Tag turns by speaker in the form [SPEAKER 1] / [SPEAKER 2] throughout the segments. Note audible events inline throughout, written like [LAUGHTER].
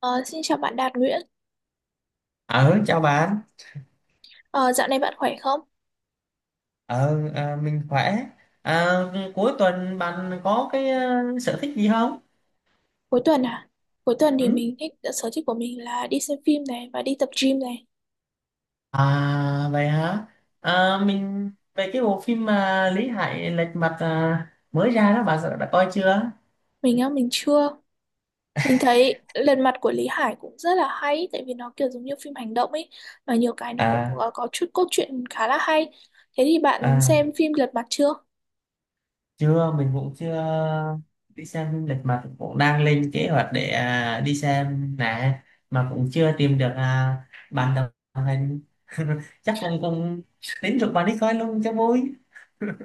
[SPEAKER 1] Ờ, xin chào bạn Đạt Nguyễn.
[SPEAKER 2] Ờ, chào bạn.
[SPEAKER 1] Ờ, dạo này bạn khỏe không?
[SPEAKER 2] Ờ, mình khỏe. Cuối tuần bạn có cái sở thích gì không?
[SPEAKER 1] Cuối tuần à? Cuối tuần thì
[SPEAKER 2] Ừ?
[SPEAKER 1] mình thích sở thích của mình là đi xem phim này và đi tập gym này.
[SPEAKER 2] À, vậy hả? Mình về cái bộ phim mà Lý Hải lệch mặt mới ra đó, bạn đã coi chưa?
[SPEAKER 1] Mình chưa. Mình thấy Lần Mặt của Lý Hải cũng rất là hay, tại vì nó kiểu giống như phim hành động ấy, và nhiều cái nó cũng
[SPEAKER 2] À,
[SPEAKER 1] có chút cốt truyện khá là hay. Thế thì bạn
[SPEAKER 2] à,
[SPEAKER 1] xem phim Lật Mặt chưa?
[SPEAKER 2] chưa, mình cũng chưa đi xem phim lệch mặt, cũng đang lên kế hoạch để đi xem nè, mà cũng chưa tìm được bạn đồng hành. [LAUGHS] Chắc cũng cũng tính rủ bạn đi coi luôn cho vui.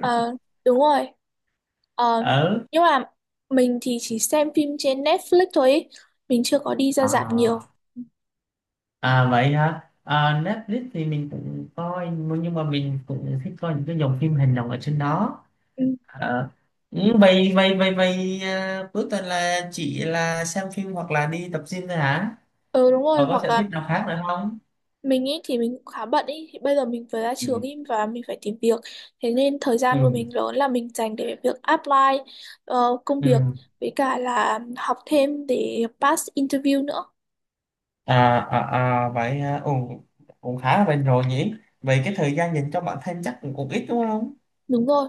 [SPEAKER 1] Ờ, đúng rồi. Ờ,
[SPEAKER 2] Ờ.
[SPEAKER 1] nhưng mà mình thì chỉ xem phim trên Netflix thôi ý. Mình chưa có đi ra rạp
[SPEAKER 2] À,
[SPEAKER 1] nhiều.
[SPEAKER 2] à, vậy hả? À, Netflix thì mình cũng coi, nhưng mà mình cũng thích coi những cái dòng phim hành động ở trên đó.
[SPEAKER 1] Ừ,
[SPEAKER 2] À, ừ, vậy vậy vậy vậy à, cuối tuần là chỉ là xem phim hoặc là đi tập gym thôi hả?
[SPEAKER 1] ừ, đúng rồi,
[SPEAKER 2] Còn có
[SPEAKER 1] hoặc
[SPEAKER 2] sở thích
[SPEAKER 1] là
[SPEAKER 2] nào khác nữa không?
[SPEAKER 1] mình ý thì mình cũng khá bận ý, thì bây giờ mình vừa ra
[SPEAKER 2] Ừ.
[SPEAKER 1] trường ý và mình phải tìm việc, thế nên thời
[SPEAKER 2] Ừ,
[SPEAKER 1] gian của mình lớn là mình dành để việc apply công việc,
[SPEAKER 2] ừ,
[SPEAKER 1] với cả là học thêm để pass interview nữa.
[SPEAKER 2] vậy, ừ, cũng khá là bền rồi nhỉ. Vậy cái thời gian dành cho bản thân chắc cũng ít đúng không?
[SPEAKER 1] Đúng rồi.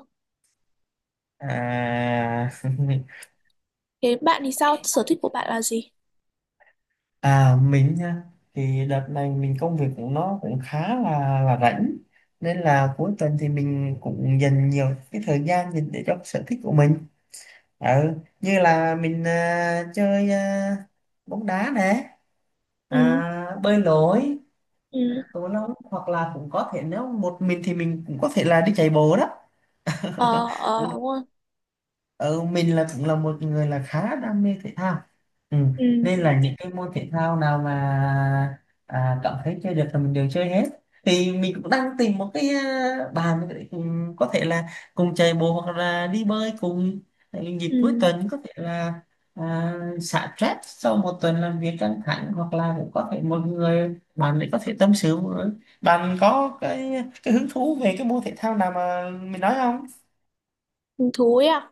[SPEAKER 2] À. [LAUGHS]
[SPEAKER 1] Thế bạn thì sao? Sở thích của bạn là gì?
[SPEAKER 2] À, mình nha, thì đợt này mình công việc của nó cũng khá là rảnh, nên là cuối tuần thì mình cũng dành nhiều cái thời gian dành để cho cái sở thích của mình, ừ, như là mình chơi bóng đá nè,
[SPEAKER 1] Ừ,
[SPEAKER 2] bơi lội,
[SPEAKER 1] ừ,
[SPEAKER 2] cầu lông, hoặc là cũng có thể nếu một mình thì mình cũng có thể là đi chạy bộ đó.
[SPEAKER 1] ờ,
[SPEAKER 2] [LAUGHS] Cũng,
[SPEAKER 1] ờ, đúng rồi,
[SPEAKER 2] Ờ, mình là cũng là một người là khá đam mê thể thao. Ừ.
[SPEAKER 1] ừ
[SPEAKER 2] Nên
[SPEAKER 1] đúng
[SPEAKER 2] là
[SPEAKER 1] rồi,
[SPEAKER 2] những cái môn thể thao nào mà cảm thấy chơi được là mình đều chơi hết, thì mình cũng đang tìm một cái bàn để cùng- có thể là cùng chạy bộ hoặc là đi bơi cùng. Tại dịp cuối
[SPEAKER 1] ừ,
[SPEAKER 2] tuần có thể là à, xả stress sau một tuần làm việc căng thẳng, hoặc là cũng có thể một người bạn để có thể tâm sự với- bạn có cái hứng thú về cái môn thể thao nào mà mình nói không?
[SPEAKER 1] hứng thú ấy à?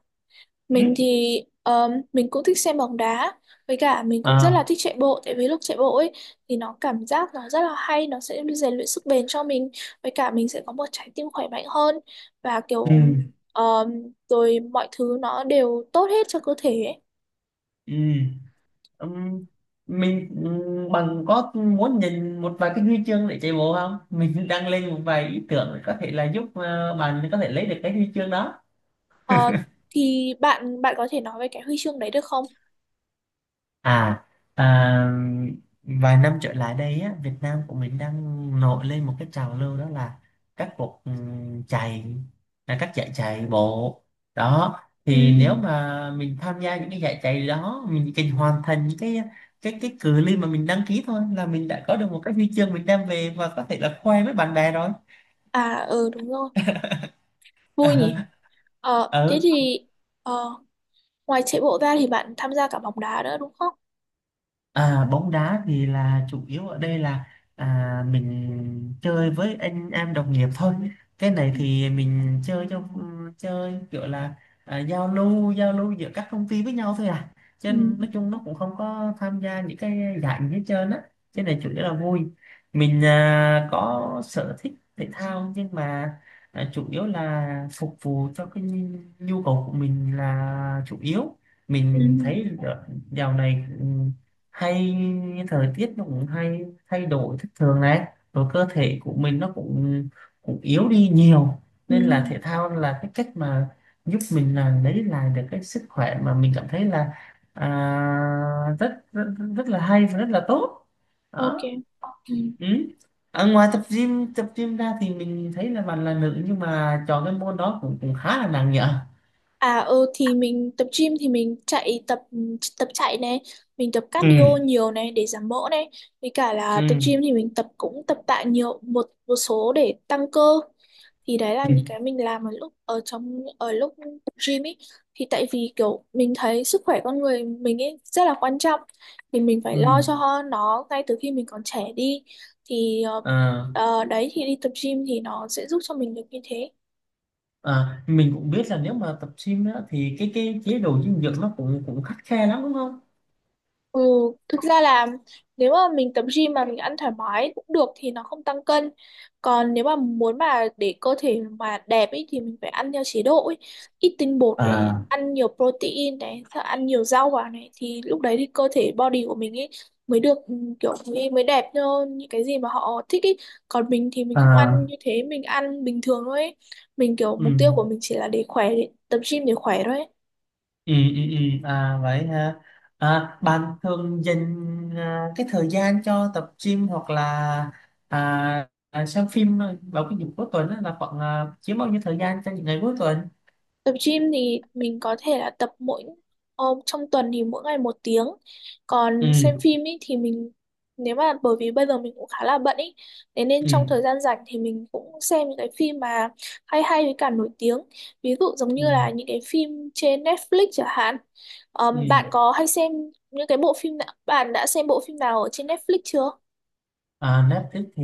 [SPEAKER 2] Ừ.
[SPEAKER 1] Mình thì mình cũng thích xem bóng đá, với cả mình cũng rất là
[SPEAKER 2] À,
[SPEAKER 1] thích chạy bộ, tại vì lúc chạy bộ ấy thì nó cảm giác nó rất là hay, nó sẽ rèn luyện sức bền cho mình, với cả mình sẽ có một trái tim khỏe mạnh hơn, và kiểu
[SPEAKER 2] ừ.
[SPEAKER 1] rồi mọi thứ nó đều tốt hết cho cơ thể ấy.
[SPEAKER 2] Ừ. ừm, Mình, bằng có muốn nhìn một vài cái huy chương để chạy bộ không? Mình đang lên một vài ý tưởng, có thể là giúp bạn có thể lấy được cái huy chương đó.
[SPEAKER 1] Ờ, thì bạn bạn có thể nói về cái huy chương đấy được không?
[SPEAKER 2] À, à, vài năm trở lại đây á, Việt Nam của mình đang nổi lên một cái trào lưu, đó là các cuộc chạy, là các giải chạy bộ đó.
[SPEAKER 1] Ừ.
[SPEAKER 2] Thì nếu mà mình tham gia những cái giải chạy đó, mình chỉ cần hoàn thành những cái cự ly mà mình đăng ký thôi là mình đã có được một cái huy chương mình đem về và có thể là khoe với bạn bè rồi.
[SPEAKER 1] À, ừ, đúng rồi, vui nhỉ. Ờ,
[SPEAKER 2] [LAUGHS]
[SPEAKER 1] thế
[SPEAKER 2] Ừ.
[SPEAKER 1] thì ờ, ngoài chạy bộ ra thì bạn tham gia cả bóng đá nữa đúng không?
[SPEAKER 2] À, bóng đá thì là chủ yếu ở đây là mình chơi với anh em đồng nghiệp thôi. Cái này thì mình chơi cho, chơi kiểu là giao lưu giữa các công ty với nhau thôi à. Cho
[SPEAKER 1] Ừ.
[SPEAKER 2] nên nói chung nó cũng không có tham gia những cái giải gì hết trơn á. Cái này chủ yếu là vui. Mình có sở thích thể thao, nhưng mà chủ yếu là phục vụ cho cái nhu cầu của mình là chủ yếu.
[SPEAKER 1] Ừ.
[SPEAKER 2] Mình thấy dạo này, hay thời tiết nó cũng hay thay đổi thất thường này, rồi cơ thể của mình nó cũng cũng yếu đi nhiều,
[SPEAKER 1] Ừ,
[SPEAKER 2] nên là thể thao là cái cách mà giúp mình là lấy lại được cái sức khỏe mà mình cảm thấy là à, rất, rất rất là hay và rất là tốt
[SPEAKER 1] OK.
[SPEAKER 2] đó.
[SPEAKER 1] Ừ.
[SPEAKER 2] Ừ. Ngoài tập gym ra thì mình thấy là bạn là nữ, nhưng mà chọn cái môn đó cũng cũng khá là nặng nhở.
[SPEAKER 1] À, ừ, thì mình tập gym thì mình chạy tập tập chạy này, mình tập cardio
[SPEAKER 2] Ừ.
[SPEAKER 1] nhiều này để giảm mỡ này, với cả là
[SPEAKER 2] Ừ,
[SPEAKER 1] tập gym thì mình tập cũng tập tạ nhiều, một một số để tăng cơ. Thì đấy là
[SPEAKER 2] ừ,
[SPEAKER 1] những cái mình làm ở lúc tập gym ấy. Thì tại vì kiểu mình thấy sức khỏe con người mình ấy rất là quan trọng, thì mình phải
[SPEAKER 2] ừ,
[SPEAKER 1] lo cho nó ngay từ khi mình còn trẻ đi. Thì
[SPEAKER 2] à,
[SPEAKER 1] đấy thì đi tập gym thì nó sẽ giúp cho mình được như thế.
[SPEAKER 2] à, mình cũng biết là nếu mà tập gym á, thì cái chế độ dinh dưỡng nó cũng cũng khắt khe lắm đúng không?
[SPEAKER 1] Ừ, thực ra là nếu mà mình tập gym mà mình ăn thoải mái cũng được thì nó không tăng cân. Còn nếu mà muốn mà để cơ thể mà đẹp ấy thì mình phải ăn theo chế độ ấy. Ít tinh bột này,
[SPEAKER 2] à
[SPEAKER 1] ăn nhiều protein này, sợ ăn nhiều rau vào này thì lúc đấy thì cơ thể body của mình ấy mới được ừ, kiểu mới đẹp như những cái gì mà họ thích ấy. Còn mình thì mình không ăn
[SPEAKER 2] à
[SPEAKER 1] như thế, mình ăn bình thường thôi ấy. Mình kiểu
[SPEAKER 2] Ừ.
[SPEAKER 1] mục tiêu của mình chỉ là để khỏe, để tập gym để khỏe thôi ấy.
[SPEAKER 2] Ừ, ừ, ừ. À vậy ha. À, bạn thường dành cái thời gian cho tập gym hoặc là xem phim vào cái dịp cuối tuần á, là khoảng chiếm bao nhiêu thời gian trong những ngày cuối tuần?
[SPEAKER 1] Tập gym thì mình có thể là tập mỗi trong tuần thì mỗi ngày 1 tiếng. Còn xem
[SPEAKER 2] Ừ,
[SPEAKER 1] phim ý, thì mình nếu mà bởi vì bây giờ mình cũng khá là bận ý, thế nên
[SPEAKER 2] ừ,
[SPEAKER 1] trong thời gian rảnh thì mình cũng xem những cái phim mà hay hay với cả nổi tiếng. Ví dụ giống
[SPEAKER 2] ừ,
[SPEAKER 1] như là những cái phim trên Netflix chẳng hạn.
[SPEAKER 2] ừ.
[SPEAKER 1] Bạn có hay xem những cái bộ phim nào, bạn đã xem bộ phim nào ở trên Netflix chưa?
[SPEAKER 2] À, Netflix thì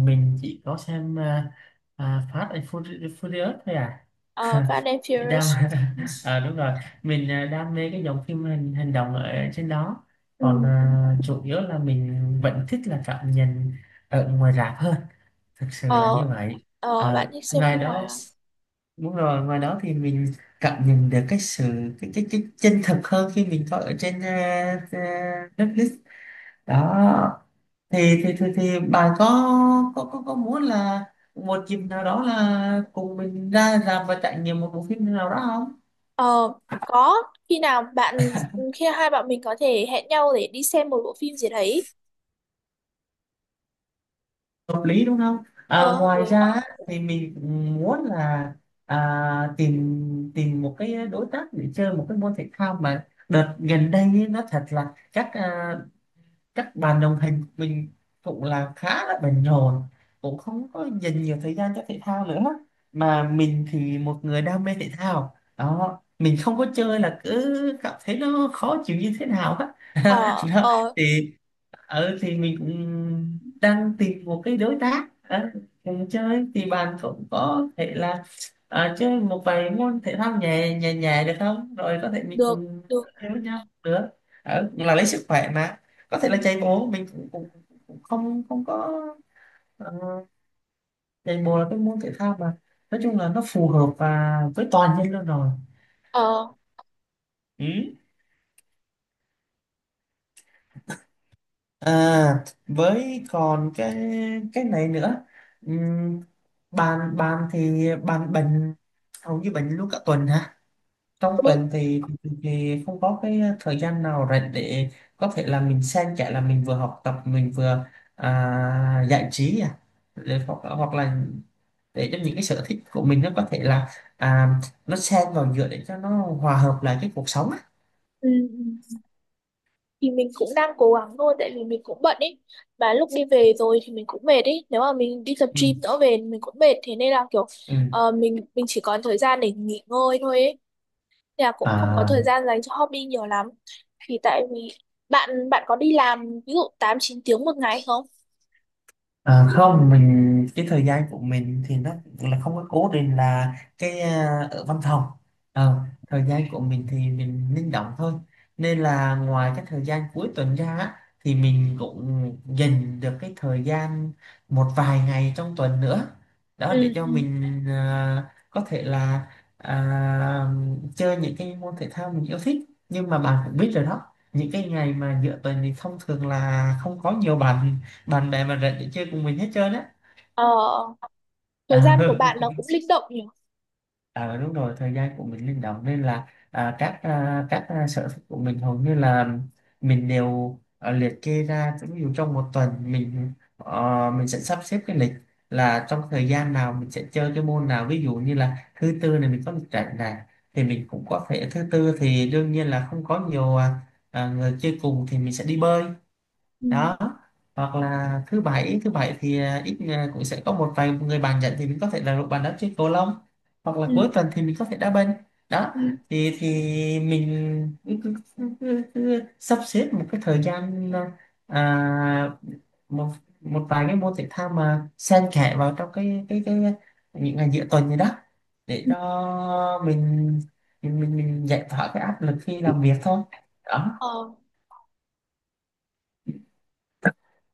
[SPEAKER 2] mình chỉ có xem Fast and Furious Furious thôi à. [LAUGHS]
[SPEAKER 1] Fast and
[SPEAKER 2] đam
[SPEAKER 1] Furious.
[SPEAKER 2] [LAUGHS] Ờ, đúng rồi, mình đam mê cái dòng phim hành động ở trên đó.
[SPEAKER 1] Ừ.
[SPEAKER 2] Còn chủ yếu là mình vẫn thích là cảm nhận ở ngoài rạp hơn, thực sự là như
[SPEAKER 1] Ờ,
[SPEAKER 2] vậy.
[SPEAKER 1] ờ, bạn
[SPEAKER 2] Ờ,
[SPEAKER 1] thích xem
[SPEAKER 2] ngoài
[SPEAKER 1] phim ngoài
[SPEAKER 2] đó,
[SPEAKER 1] à?
[SPEAKER 2] đúng rồi, ngoài đó thì mình cảm nhận được cái sự cái chân thực hơn khi mình coi ở trên ờ, Netflix đó. Thì bà có muốn là một dịp nào đó là cùng mình ra rạp và trải nghiệm một bộ phim nào đó không?
[SPEAKER 1] Ờ, có. khi nào bạn Khi hai bạn mình có thể hẹn nhau để đi xem một bộ phim gì đấy,
[SPEAKER 2] Hợp lý đúng không?
[SPEAKER 1] ờ, hợp
[SPEAKER 2] Ngoài
[SPEAKER 1] lý.
[SPEAKER 2] ra, á, thì mình muốn là tìm tìm một cái đối tác để chơi một cái môn thể thao, mà đợt gần đây ấy, nó thật là các bạn đồng hành của mình cũng là khá là bận rộn, cũng không có dành nhiều thời gian cho thể thao nữa, mà mình thì một người đam mê thể thao đó, mình không có chơi là cứ cảm thấy nó khó chịu như thế nào á.
[SPEAKER 1] Ờ,
[SPEAKER 2] [LAUGHS] Đó.
[SPEAKER 1] ờ,
[SPEAKER 2] Thì, thì mình cũng đang tìm một cái đối tác, cùng chơi, thì bạn cũng có thể là chơi một vài môn thể thao nhẹ nhẹ nhẹ được không, rồi có thể mình
[SPEAKER 1] được,
[SPEAKER 2] cùng
[SPEAKER 1] được.
[SPEAKER 2] chơi với nhau nữa. Cũng là lấy sức khỏe mà, có thể là
[SPEAKER 1] Ừ.
[SPEAKER 2] chạy bộ, mình cũng không không có, ờ, chạy bộ là cái môn thể thao mà nói chung là nó phù hợp và với toàn nhân luôn rồi.
[SPEAKER 1] Ờ.
[SPEAKER 2] Ừ. À, với còn cái này nữa. Ừm, bạn bạn thì bạn bệnh, hầu như bệnh luôn cả tuần hả? Trong
[SPEAKER 1] Ừ,
[SPEAKER 2] tuần thì không có cái thời gian nào rảnh để có thể là mình xen kẽ, là mình vừa học tập mình vừa giải trí để, hoặc là để cho những cái sở thích của mình nó có thể là, à, nó xen vào giữa để cho nó hòa hợp lại cái cuộc sống á.
[SPEAKER 1] ừ, ừ. Thì mình cũng đang cố gắng thôi, tại vì mình cũng bận ý, mà lúc đi về rồi thì mình cũng mệt ý, nếu mà mình đi tập
[SPEAKER 2] Ừ,
[SPEAKER 1] gym nữa về mình cũng mệt, thế nên là kiểu
[SPEAKER 2] ừ.
[SPEAKER 1] mình chỉ còn thời gian để nghỉ ngơi thôi ấy. Nên là cũng không có
[SPEAKER 2] À.
[SPEAKER 1] thời gian dành cho hobby nhiều lắm. Thì tại vì bạn bạn có đi làm ví dụ tám chín tiếng một ngày không?
[SPEAKER 2] Không, mình cái thời gian của mình thì nó cũng là không có cố định là cái, ở văn phòng. Ờ, Thời gian của mình thì mình linh động thôi, nên là ngoài cái thời gian cuối tuần ra á, thì mình cũng dành được cái thời gian một vài ngày trong tuần nữa
[SPEAKER 1] Ừ,
[SPEAKER 2] đó, để cho
[SPEAKER 1] ừ.
[SPEAKER 2] mình có thể là à, chơi những cái môn thể thao mình yêu thích. Nhưng mà bạn cũng biết rồi đó, những cái ngày mà giữa tuần thì thông thường là không có nhiều bạn bạn bè mình rảnh thì chơi cùng mình hết trơn á.
[SPEAKER 1] Ờ, thời
[SPEAKER 2] à,
[SPEAKER 1] gian của bạn nó cũng linh động nhỉ?
[SPEAKER 2] [LAUGHS] À, đúng rồi, thời gian của mình linh động, nên là các sở thích của mình hầu như là mình đều liệt kê ra. Ví dụ trong một tuần, mình sẽ sắp xếp cái lịch là trong thời gian nào mình sẽ chơi cái môn nào. Ví dụ như là thứ tư này mình có lịch rảnh này, thì mình cũng có thể thứ tư thì đương nhiên là không có nhiều người chơi cùng, thì mình sẽ đi bơi
[SPEAKER 1] Ừ,
[SPEAKER 2] đó. Hoặc là thứ bảy thì ít, cũng sẽ có một vài người bàn nhận thì mình có thể là bàn đá chơi cầu lông, hoặc là
[SPEAKER 1] ừ,
[SPEAKER 2] cuối tuần thì mình có thể đá banh đó.
[SPEAKER 1] ừ,
[SPEAKER 2] Thì mình cứ sắp xếp một cái thời gian, à, một một vài cái môn thể thao mà xen kẽ vào trong cái những ngày giữa tuần này đó, để
[SPEAKER 1] ừ.
[SPEAKER 2] cho mình giải tỏa cái áp lực khi làm việc thôi đó.
[SPEAKER 1] Ờ,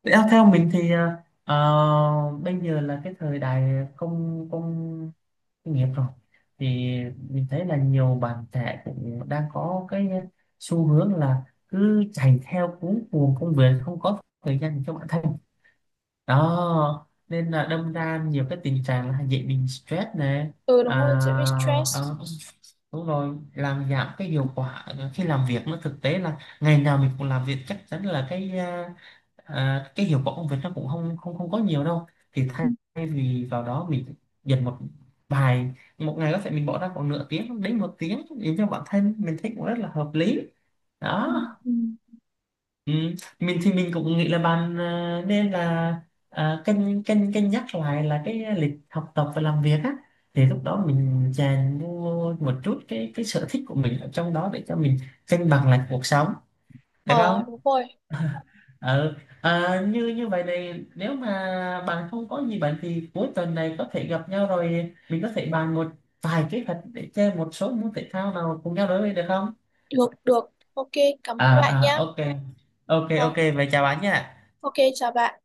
[SPEAKER 2] Thế, theo mình thì bây giờ là cái thời đại công công nghiệp rồi, thì mình thấy là nhiều bạn trẻ cũng đang có cái xu hướng là cứ chạy theo cuống cuồng công việc, không có thời gian cho bản thân đó, nên là đâm ra nhiều cái tình trạng là dễ bị stress này.
[SPEAKER 1] ừ,
[SPEAKER 2] à,
[SPEAKER 1] đúng rồi, dễ bị stress.
[SPEAKER 2] ờ, Đúng rồi, làm giảm cái hiệu quả khi làm việc, nó thực tế là ngày nào mình cũng làm việc chắc chắn là cái, cái hiệu quả công việc nó cũng không không không có nhiều đâu. Thì thay vì vào đó, mình dành vài một ngày có thể mình bỏ ra khoảng nửa tiếng đến một tiếng để cho bản thân, mình thấy cũng rất là hợp lý
[SPEAKER 1] Ừ,
[SPEAKER 2] đó.
[SPEAKER 1] ừ.
[SPEAKER 2] Ừ. Mình thì mình cũng nghĩ là bạn nên là cân cân cân nhắc lại là cái lịch học tập và làm việc á, thì lúc đó mình chèn vô một chút cái sở thích của mình ở trong đó để cho mình cân bằng lại cuộc sống, được không?
[SPEAKER 1] Ờ, đúng rồi,
[SPEAKER 2] Ừ. À, như như vậy này, nếu mà bạn không có gì bạn, thì cuối tuần này có thể gặp nhau, rồi mình có thể bàn một vài kế hoạch để chơi một số môn thể thao nào cùng nhau đối với, được không?
[SPEAKER 1] được, được. OK, cảm
[SPEAKER 2] À,
[SPEAKER 1] ơn bạn nhá.
[SPEAKER 2] ok, ok,
[SPEAKER 1] Ờ,
[SPEAKER 2] ok, vậy chào bạn nha.
[SPEAKER 1] OK, chào bạn.